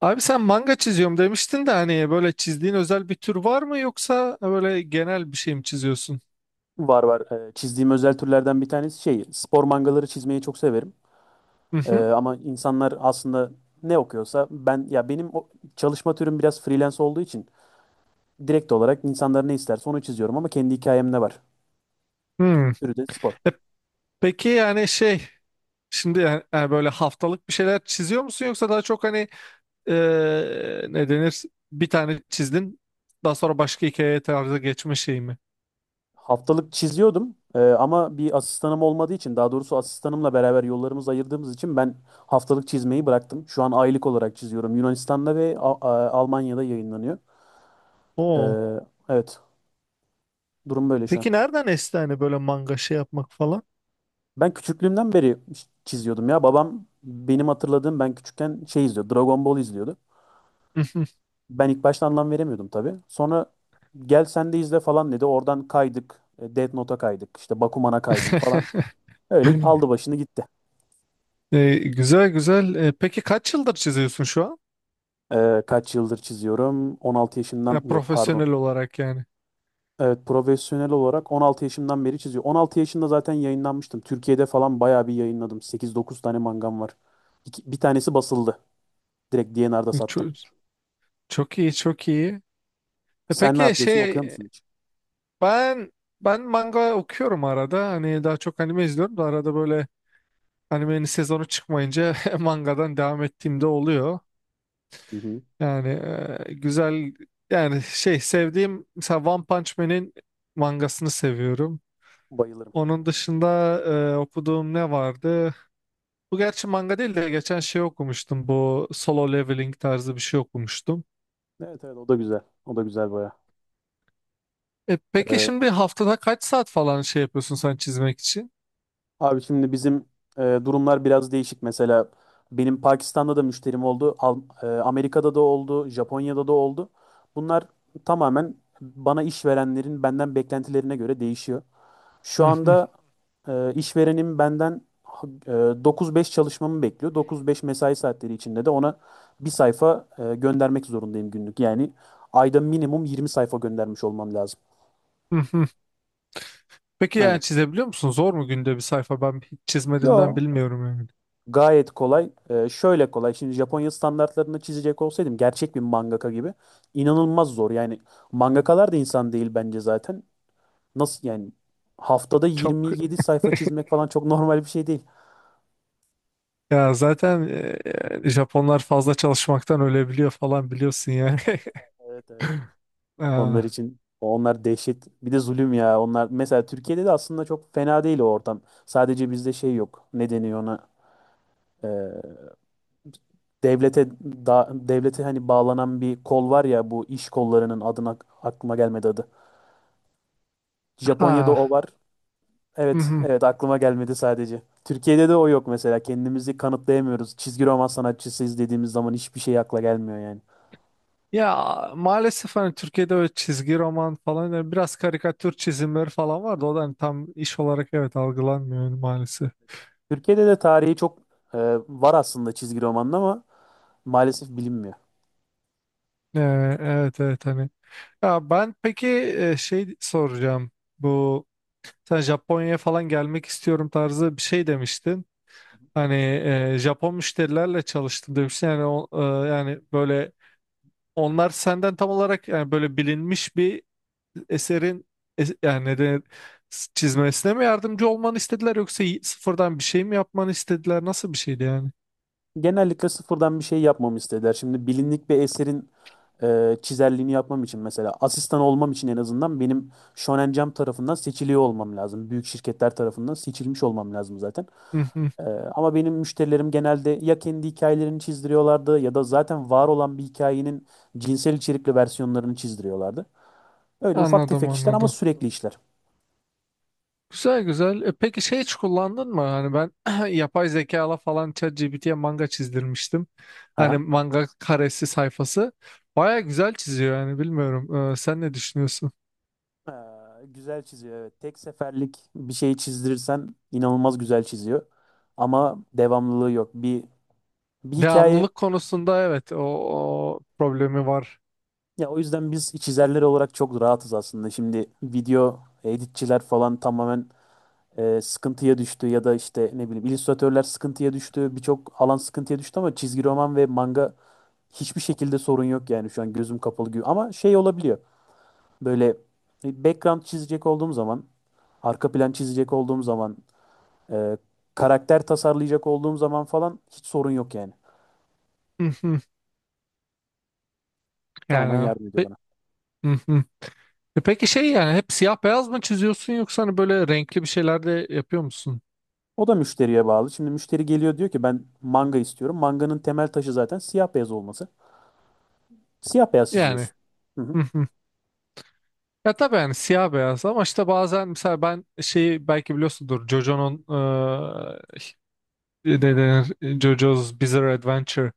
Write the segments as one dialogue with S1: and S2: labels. S1: Abi sen manga çiziyorum demiştin de hani böyle çizdiğin özel bir tür var mı yoksa böyle genel bir şey mi çiziyorsun?
S2: Var var. Çizdiğim özel türlerden bir tanesi şey, spor mangaları çizmeyi çok severim.
S1: Hı hı.
S2: Ama insanlar aslında ne okuyorsa ben ya benim o çalışma türüm biraz freelance olduğu için direkt olarak insanlar ne isterse onu çiziyorum ama kendi hikayem ne var?
S1: Hmm.
S2: Türü de spor.
S1: E, peki yani şey şimdi yani böyle haftalık bir şeyler çiziyor musun yoksa daha çok hani ne denir bir tane çizdin daha sonra başka hikaye tarzı geçme şey mi?
S2: Haftalık çiziyordum ama bir asistanım olmadığı için daha doğrusu asistanımla beraber yollarımızı ayırdığımız için ben haftalık çizmeyi bıraktım. Şu an aylık olarak çiziyorum. Yunanistan'da ve Almanya'da yayınlanıyor.
S1: Oo.
S2: Ee, evet, durum böyle şu an.
S1: Peki nereden esti hani böyle manga şey yapmak falan?
S2: Ben küçüklüğümden beri çiziyordum ya. Babam benim hatırladığım ben küçükken şey izliyordu. Dragon Ball izliyordu. Ben ilk başta anlam veremiyordum tabii. Sonra gel sen de izle falan dedi. Oradan kaydık. Death Note'a kaydık. İşte Bakuman'a kaydım falan. Öyle aldı başını gitti.
S1: Güzel güzel. Peki kaç yıldır çiziyorsun şu an?
S2: Kaç yıldır çiziyorum? 16 yaşından yok pardon.
S1: Profesyonel olarak yani.
S2: Evet profesyonel olarak 16 yaşından beri çiziyor. 16 yaşında zaten yayınlanmıştım. Türkiye'de falan bayağı bir yayınladım. 8-9 tane mangam var. Bir tanesi basıldı. Direkt D&R'da sattım.
S1: Çok, çok iyi, çok iyi.
S2: Sen ne
S1: Peki
S2: yapıyorsun?
S1: şey
S2: Okuyor musun?
S1: ben ben manga okuyorum arada. Hani daha çok anime izliyorum da arada böyle animenin sezonu çıkmayınca mangadan devam ettiğimde oluyor.
S2: Hı hı.
S1: Yani güzel yani şey sevdiğim mesela One Punch Man'in mangasını seviyorum.
S2: Bayılırım.
S1: Onun dışında okuduğum ne vardı? Bu gerçi manga değil de geçen şey okumuştum. Bu solo leveling tarzı bir şey okumuştum.
S2: Evet evet, o da güzel. O da güzel baya.
S1: Peki
S2: Ee,
S1: şimdi haftada kaç saat falan şey yapıyorsun sen çizmek için?
S2: Abi şimdi bizim durumlar biraz değişik. Mesela benim Pakistan'da da müşterim oldu. Amerika'da da oldu. Japonya'da da oldu. Bunlar tamamen bana işverenlerin benden beklentilerine göre değişiyor. Şu
S1: Hı hı,
S2: anda işverenim benden e, 9-5 çalışmamı bekliyor. 9-5 mesai saatleri içinde de ona bir sayfa göndermek zorundayım günlük. Yani ayda minimum 20 sayfa göndermiş olmam lazım.
S1: hı hı. Peki yani
S2: Aynen.
S1: çizebiliyor musun? Zor mu günde bir sayfa? Ben hiç çizmediğimden
S2: Yo,
S1: bilmiyorum yani.
S2: gayet kolay. Şöyle kolay. Şimdi Japonya standartlarını çizecek olsaydım gerçek bir mangaka gibi inanılmaz zor. Yani mangakalar da insan değil bence zaten. Nasıl yani haftada
S1: Çok
S2: 27 sayfa çizmek falan çok normal bir şey değil.
S1: ya zaten Japonlar fazla çalışmaktan ölebiliyor falan biliyorsun yani.
S2: Evet evet. Onlar
S1: Ha,
S2: için onlar dehşet. Bir de zulüm ya. Onlar mesela Türkiye'de de aslında çok fena değil o ortam. Sadece bizde şey yok. Ne deniyor ona? Ee, Devlete devlete hani bağlanan bir kol var ya bu iş kollarının adına aklıma gelmedi adı. Japonya'da
S1: ha.
S2: o var.
S1: Hı
S2: Evet,
S1: hı.
S2: evet aklıma gelmedi sadece. Türkiye'de de o yok mesela. Kendimizi kanıtlayamıyoruz. Çizgi roman sanatçısıyız dediğimiz zaman hiçbir şey akla gelmiyor yani.
S1: Ya maalesef hani Türkiye'de öyle çizgi roman falan yani biraz karikatür çizimleri falan vardı. O da hani tam iş olarak evet algılanmıyor yani maalesef.
S2: Türkiye'de de tarihi çok e, var aslında çizgi romanın ama maalesef bilinmiyor.
S1: Evet evet hani. Ya ben peki şey soracağım. Bu sen Japonya'ya falan gelmek istiyorum tarzı bir şey demiştin. Hani Japon müşterilerle çalıştın demiştin. Yani o, yani böyle onlar senden tam olarak yani böyle bilinmiş bir eserin yani neden çizmesine mi yardımcı olmanı istediler yoksa sıfırdan bir şey mi yapmanı istediler? Nasıl bir şeydi yani?
S2: Genellikle sıfırdan bir şey yapmamı istediler. Şimdi bilinlik bir eserin çizerliğini yapmam için mesela asistan olmam için en azından benim Shonen Jump tarafından seçiliyor olmam lazım. Büyük şirketler tarafından seçilmiş olmam lazım zaten.
S1: Hı hı.
S2: Ee, Ama benim müşterilerim genelde ya kendi hikayelerini çizdiriyorlardı ya da zaten var olan bir hikayenin cinsel içerikli versiyonlarını çizdiriyorlardı. Öyle ufak
S1: Anladım
S2: tefek işler ama
S1: anladım.
S2: sürekli işler.
S1: Güzel güzel. Peki şey hiç kullandın mı? Hani ben yapay zekala falan ChatGPT'ye manga çizdirmiştim. Hani
S2: Aha.
S1: manga karesi sayfası. Baya güzel çiziyor yani bilmiyorum. Sen ne düşünüyorsun?
S2: Güzel çiziyor evet. Tek seferlik bir şeyi çizdirirsen inanılmaz güzel çiziyor. Ama devamlılığı yok. Bir hikaye
S1: Devamlılık konusunda evet o, o problemi var.
S2: ya o yüzden biz çizerler olarak çok rahatız aslında. Şimdi video editçiler falan tamamen sıkıntıya düştü ya da işte ne bileyim illüstratörler sıkıntıya düştü. Birçok alan sıkıntıya düştü ama çizgi roman ve manga hiçbir şekilde sorun yok yani şu an gözüm kapalı gibi. Ama şey olabiliyor. Böyle bir background çizecek olduğum zaman, arka plan çizecek olduğum zaman, e, karakter tasarlayacak olduğum zaman falan hiç sorun yok yani.
S1: Hı hı.
S2: Tamamen
S1: Yani.
S2: yardım ediyor
S1: Pe-
S2: bana.
S1: Peki şey yani hep siyah beyaz mı çiziyorsun yoksa hani böyle renkli bir şeyler de yapıyor musun?
S2: O da müşteriye bağlı. Şimdi müşteri geliyor diyor ki ben manga istiyorum. Manganın temel taşı zaten siyah beyaz olması. Siyah beyaz
S1: Yani.
S2: çiziyorsun. Hı hı.
S1: Hı hı. Ya tabii yani siyah beyaz ama işte bazen mesela ben şeyi belki biliyorsundur JoJo'nun ne denir JoJo's Bizarre Adventure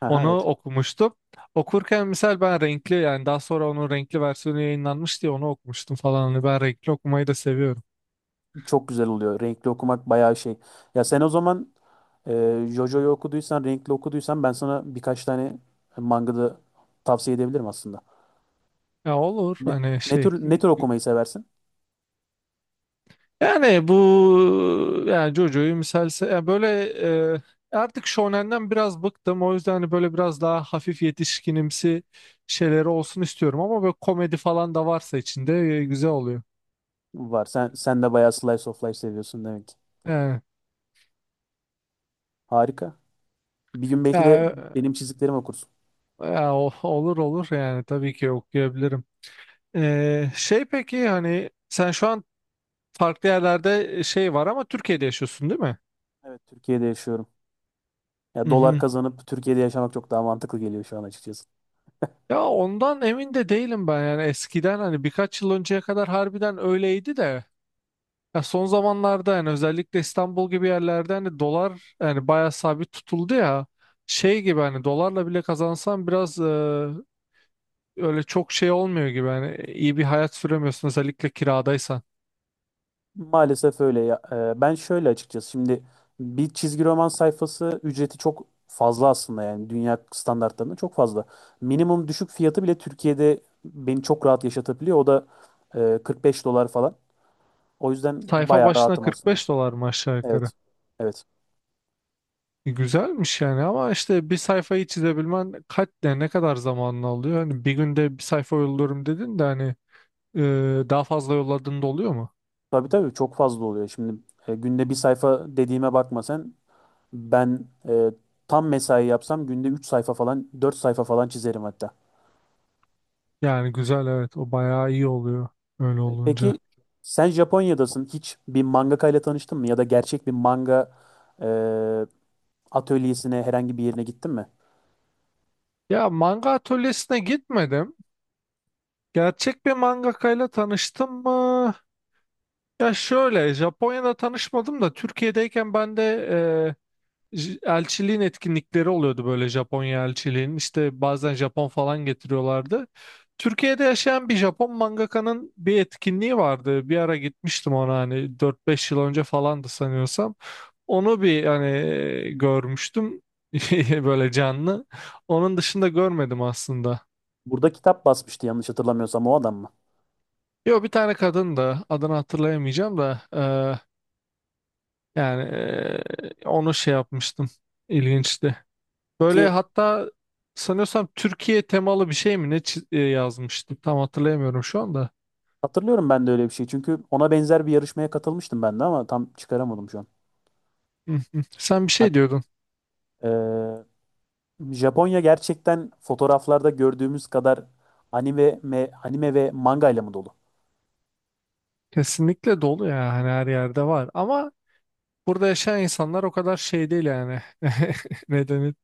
S2: Aha,
S1: onu
S2: evet.
S1: okumuştum. Okurken mesela ben renkli yani daha sonra onun renkli versiyonu yayınlanmış diye onu okumuştum falan. Hani ben renkli okumayı da seviyorum.
S2: Çok güzel oluyor. Renkli okumak bayağı şey. Ya sen o zaman JoJo'yu okuduysan, renkli okuduysan ben sana birkaç tane mangada tavsiye edebilirim aslında.
S1: Ya olur
S2: Ne,
S1: hani
S2: ne
S1: şey
S2: tür ne tür okumayı seversin?
S1: yani bu yani JoJo'yu misalse ya böyle e, artık Shonen'den biraz bıktım o yüzden hani böyle biraz daha hafif yetişkinimsi şeyleri olsun istiyorum ama böyle komedi falan da varsa içinde güzel oluyor.
S2: Var. Sen de bayağı slice of life seviyorsun demek ki.
S1: Yani,
S2: Harika. Bir gün belki de
S1: ya,
S2: benim çizdiklerimi okursun.
S1: ya olur olur yani tabii ki okuyabilirim. Şey peki hani sen şu an farklı yerlerde şey var ama Türkiye'de yaşıyorsun değil mi?
S2: Evet, Türkiye'de yaşıyorum. Ya dolar
S1: Mhm.
S2: kazanıp Türkiye'de yaşamak çok daha mantıklı geliyor şu an açıkçası.
S1: Ya ondan emin de değilim ben yani eskiden hani birkaç yıl önceye kadar harbiden öyleydi de ya son zamanlarda yani özellikle İstanbul gibi yerlerde hani dolar yani bayağı sabit tutuldu ya
S2: Evet.
S1: şey gibi hani dolarla bile kazansan biraz öyle çok şey olmuyor gibi hani iyi bir hayat süremiyorsun özellikle kiradaysan.
S2: Maalesef öyle ya. Ben şöyle açıkçası şimdi bir çizgi roman sayfası ücreti çok fazla aslında yani dünya standartlarında çok fazla. Minimum düşük fiyatı bile Türkiye'de beni çok rahat yaşatabiliyor. O da 45 dolar falan. O yüzden
S1: Sayfa
S2: bayağı
S1: başına
S2: rahatım aslında.
S1: 45 dolar mı aşağı yukarı?
S2: Evet. Evet.
S1: Güzelmiş yani ama işte bir sayfayı çizebilmen kaç ne kadar zamanını alıyor? Hani bir günde bir sayfa yolluyorum dedin de hani e, daha fazla yolladığın da oluyor mu?
S2: Tabii tabii çok fazla oluyor. Şimdi günde bir sayfa dediğime bakma sen. Ben tam mesai yapsam günde 3 sayfa falan 4 sayfa falan çizerim hatta.
S1: Yani güzel evet o bayağı iyi oluyor öyle olunca.
S2: Peki sen Japonya'dasın. Hiç bir mangaka ile tanıştın mı? Ya da gerçek bir manga e, atölyesine herhangi bir yerine gittin mi?
S1: Ya manga atölyesine gitmedim. Gerçek bir mangakayla tanıştım mı? Ya şöyle Japonya'da tanışmadım da Türkiye'deyken ben de e, elçiliğin etkinlikleri oluyordu böyle Japonya elçiliğinin. İşte bazen Japon falan getiriyorlardı. Türkiye'de yaşayan bir Japon mangakanın bir etkinliği vardı. Bir ara gitmiştim ona hani dört beş yıl önce falandı sanıyorsam. Onu bir hani görmüştüm böyle canlı. Onun dışında görmedim aslında.
S2: Burada kitap basmıştı yanlış hatırlamıyorsam o adam mı?
S1: Yo bir tane kadın da adını hatırlayamayacağım da yani onu şey yapmıştım. İlginçti. Böyle
S2: Peki
S1: hatta sanıyorsam Türkiye temalı bir şey mi ne yazmıştı tam hatırlayamıyorum şu anda.
S2: hatırlıyorum ben de öyle bir şey. Çünkü ona benzer bir yarışmaya katılmıştım ben de ama tam çıkaramadım şu an.
S1: Hı hı. Sen bir
S2: Bak,
S1: şey diyordun.
S2: e, Japonya gerçekten fotoğraflarda gördüğümüz kadar anime ve manga ile mi dolu?
S1: Kesinlikle dolu ya hani her yerde var ama burada yaşayan insanlar o kadar şey değil yani.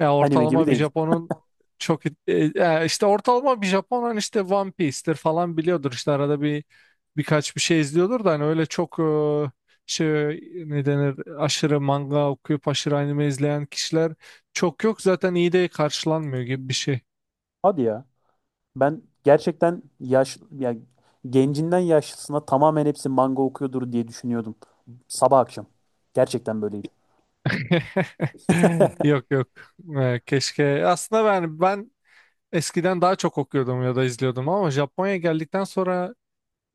S1: Ne Ya
S2: Anime gibi
S1: ortalama bir
S2: değil.
S1: Japon'un çok işte ortalama bir Japon hani işte One Piece'tir falan biliyordur işte arada bir birkaç bir şey izliyordur da hani öyle çok şey ne denir aşırı manga okuyup aşırı anime izleyen kişiler çok yok zaten iyi de karşılanmıyor gibi bir şey.
S2: Hadi ya. Ben gerçekten yaş ya gencinden yaşlısına tamamen hepsi manga okuyordur diye düşünüyordum. Sabah akşam. Gerçekten böyleydi.
S1: Yok yok. Keşke aslında ben eskiden daha çok okuyordum ya da izliyordum ama Japonya'ya geldikten sonra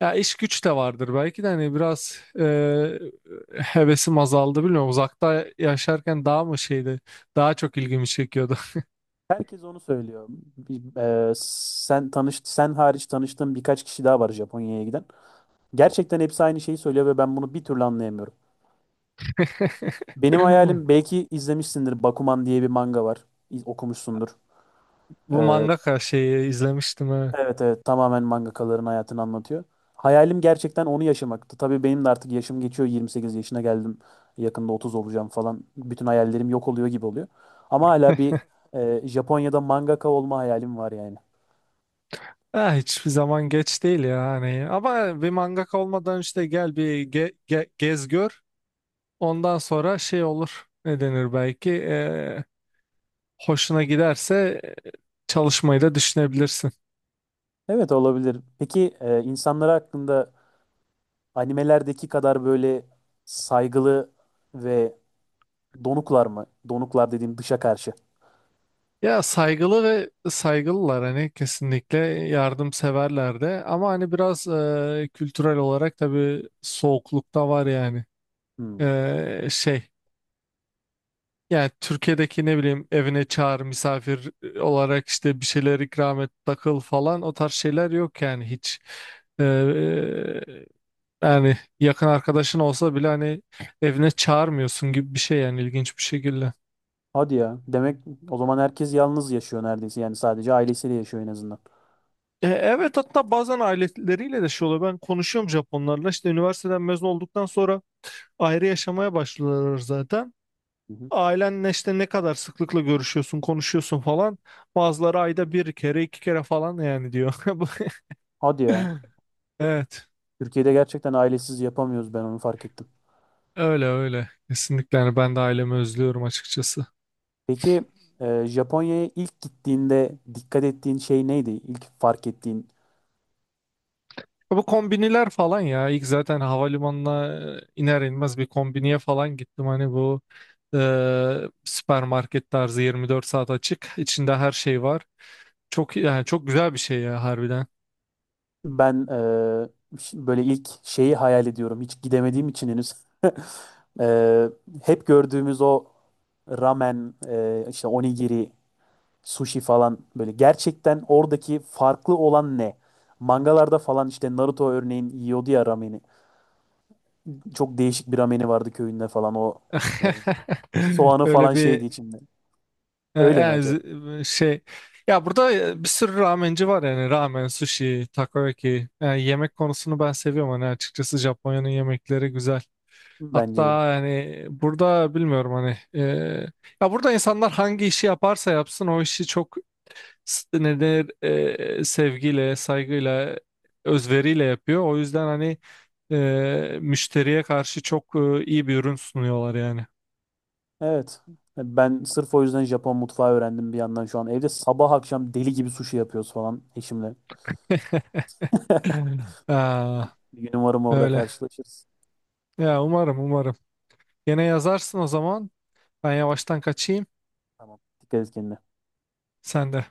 S1: ya iş güç de vardır belki de hani biraz hevesim azaldı bilmiyorum. Uzakta yaşarken daha mı şeydi? Daha çok ilgimi çekiyordu.
S2: Herkes onu söylüyor. Bir- Sen tanış sen hariç tanıştığım birkaç kişi daha var Japonya'ya giden. Gerçekten hepsi aynı şeyi söylüyor ve ben bunu bir türlü anlayamıyorum. Benim hayalim belki izlemişsindir Bakuman diye bir manga var. Okumuşsundur.
S1: Bu
S2: E,
S1: mangaka şeyi izlemiştim evet.
S2: Evet evet tamamen mangakaların hayatını anlatıyor. Hayalim gerçekten onu yaşamaktı. Tabii benim de artık yaşım geçiyor. 28 yaşına geldim. Yakında 30 olacağım falan. Bütün hayallerim yok oluyor gibi oluyor. Ama hala bir Japonya'da mangaka olma hayalim var yani.
S1: Ha, hiçbir zaman geç değil ya hani. Ama bir mangaka olmadan işte gel bir gez gör. Ondan sonra şey olur. Ne denir belki? Hoşuna giderse çalışmayı da düşünebilirsin.
S2: Evet olabilir. Peki insanlara hakkında animelerdeki kadar böyle saygılı ve donuklar mı? Donuklar dediğim dışa karşı.
S1: Ya saygılı ve saygılılar hani kesinlikle yardımseverler de ama hani biraz kültürel olarak tabii soğukluk da var yani.
S2: Hmm.
S1: Şey yani Türkiye'deki ne bileyim evine çağır misafir olarak işte bir şeyler ikram et takıl falan o tarz şeyler yok yani hiç. E, yani yakın arkadaşın olsa bile hani evine çağırmıyorsun gibi bir şey yani ilginç bir şekilde.
S2: Hadi ya. Demek o zaman herkes yalnız yaşıyor neredeyse. Yani sadece ailesiyle yaşıyor en azından.
S1: Evet hatta bazen aileleriyle de şey oluyor. Ben konuşuyorum Japonlarla. İşte üniversiteden mezun olduktan sonra ayrı yaşamaya başlıyorlar zaten.
S2: Hı hı.
S1: Ailenle işte ne kadar sıklıkla görüşüyorsun, konuşuyorsun falan. Bazıları ayda bir kere, iki kere falan yani diyor. Bu-
S2: Hadi ya.
S1: Evet.
S2: Türkiye'de gerçekten ailesiz yapamıyoruz ben onu fark ettim.
S1: Öyle öyle. Kesinlikle yani ben de ailemi özlüyorum açıkçası.
S2: Peki Japonya'ya ilk gittiğinde dikkat ettiğin şey neydi? İlk fark ettiğin
S1: Bu kombiniler falan ya ilk zaten havalimanına iner inmez bir kombiniye falan gittim hani bu e, süpermarket tarzı 24 saat açık içinde her şey var çok yani çok güzel bir şey ya harbiden
S2: ben böyle ilk şeyi hayal ediyorum. Hiç gidemediğim için henüz. E, Hep gördüğümüz o ramen, işte onigiri, sushi falan böyle gerçekten oradaki farklı olan ne? Mangalarda falan işte Naruto örneğin yiyordu ya rameni. Çok değişik bir rameni vardı köyünde falan o e, soğanı
S1: öyle
S2: falan
S1: bir
S2: şeydi içinde. Öyle mi
S1: yani
S2: acaba?
S1: şey ya burada bir sürü ramenci var yani ramen sushi takoyaki yani yemek konusunu ben seviyorum hani açıkçası Japonya'nın yemekleri güzel.
S2: Bence de.
S1: Hatta yani burada bilmiyorum hani ya burada insanlar hangi işi yaparsa yapsın o işi çok ne denir sevgiyle, saygıyla, özveriyle yapıyor. O yüzden hani müşteriye karşı çok iyi bir ürün sunuyorlar yani.
S2: Evet. Ben sırf o yüzden Japon mutfağı öğrendim bir yandan şu an. Evde sabah akşam deli gibi sushi yapıyoruz falan eşimle.
S1: Aa,
S2: Bir gün umarım orada
S1: öyle.
S2: karşılaşırız.
S1: Ya umarım umarım. Gene yazarsın o zaman. Ben yavaştan kaçayım.
S2: Tamam. Dikkat et kendine.
S1: Sen de.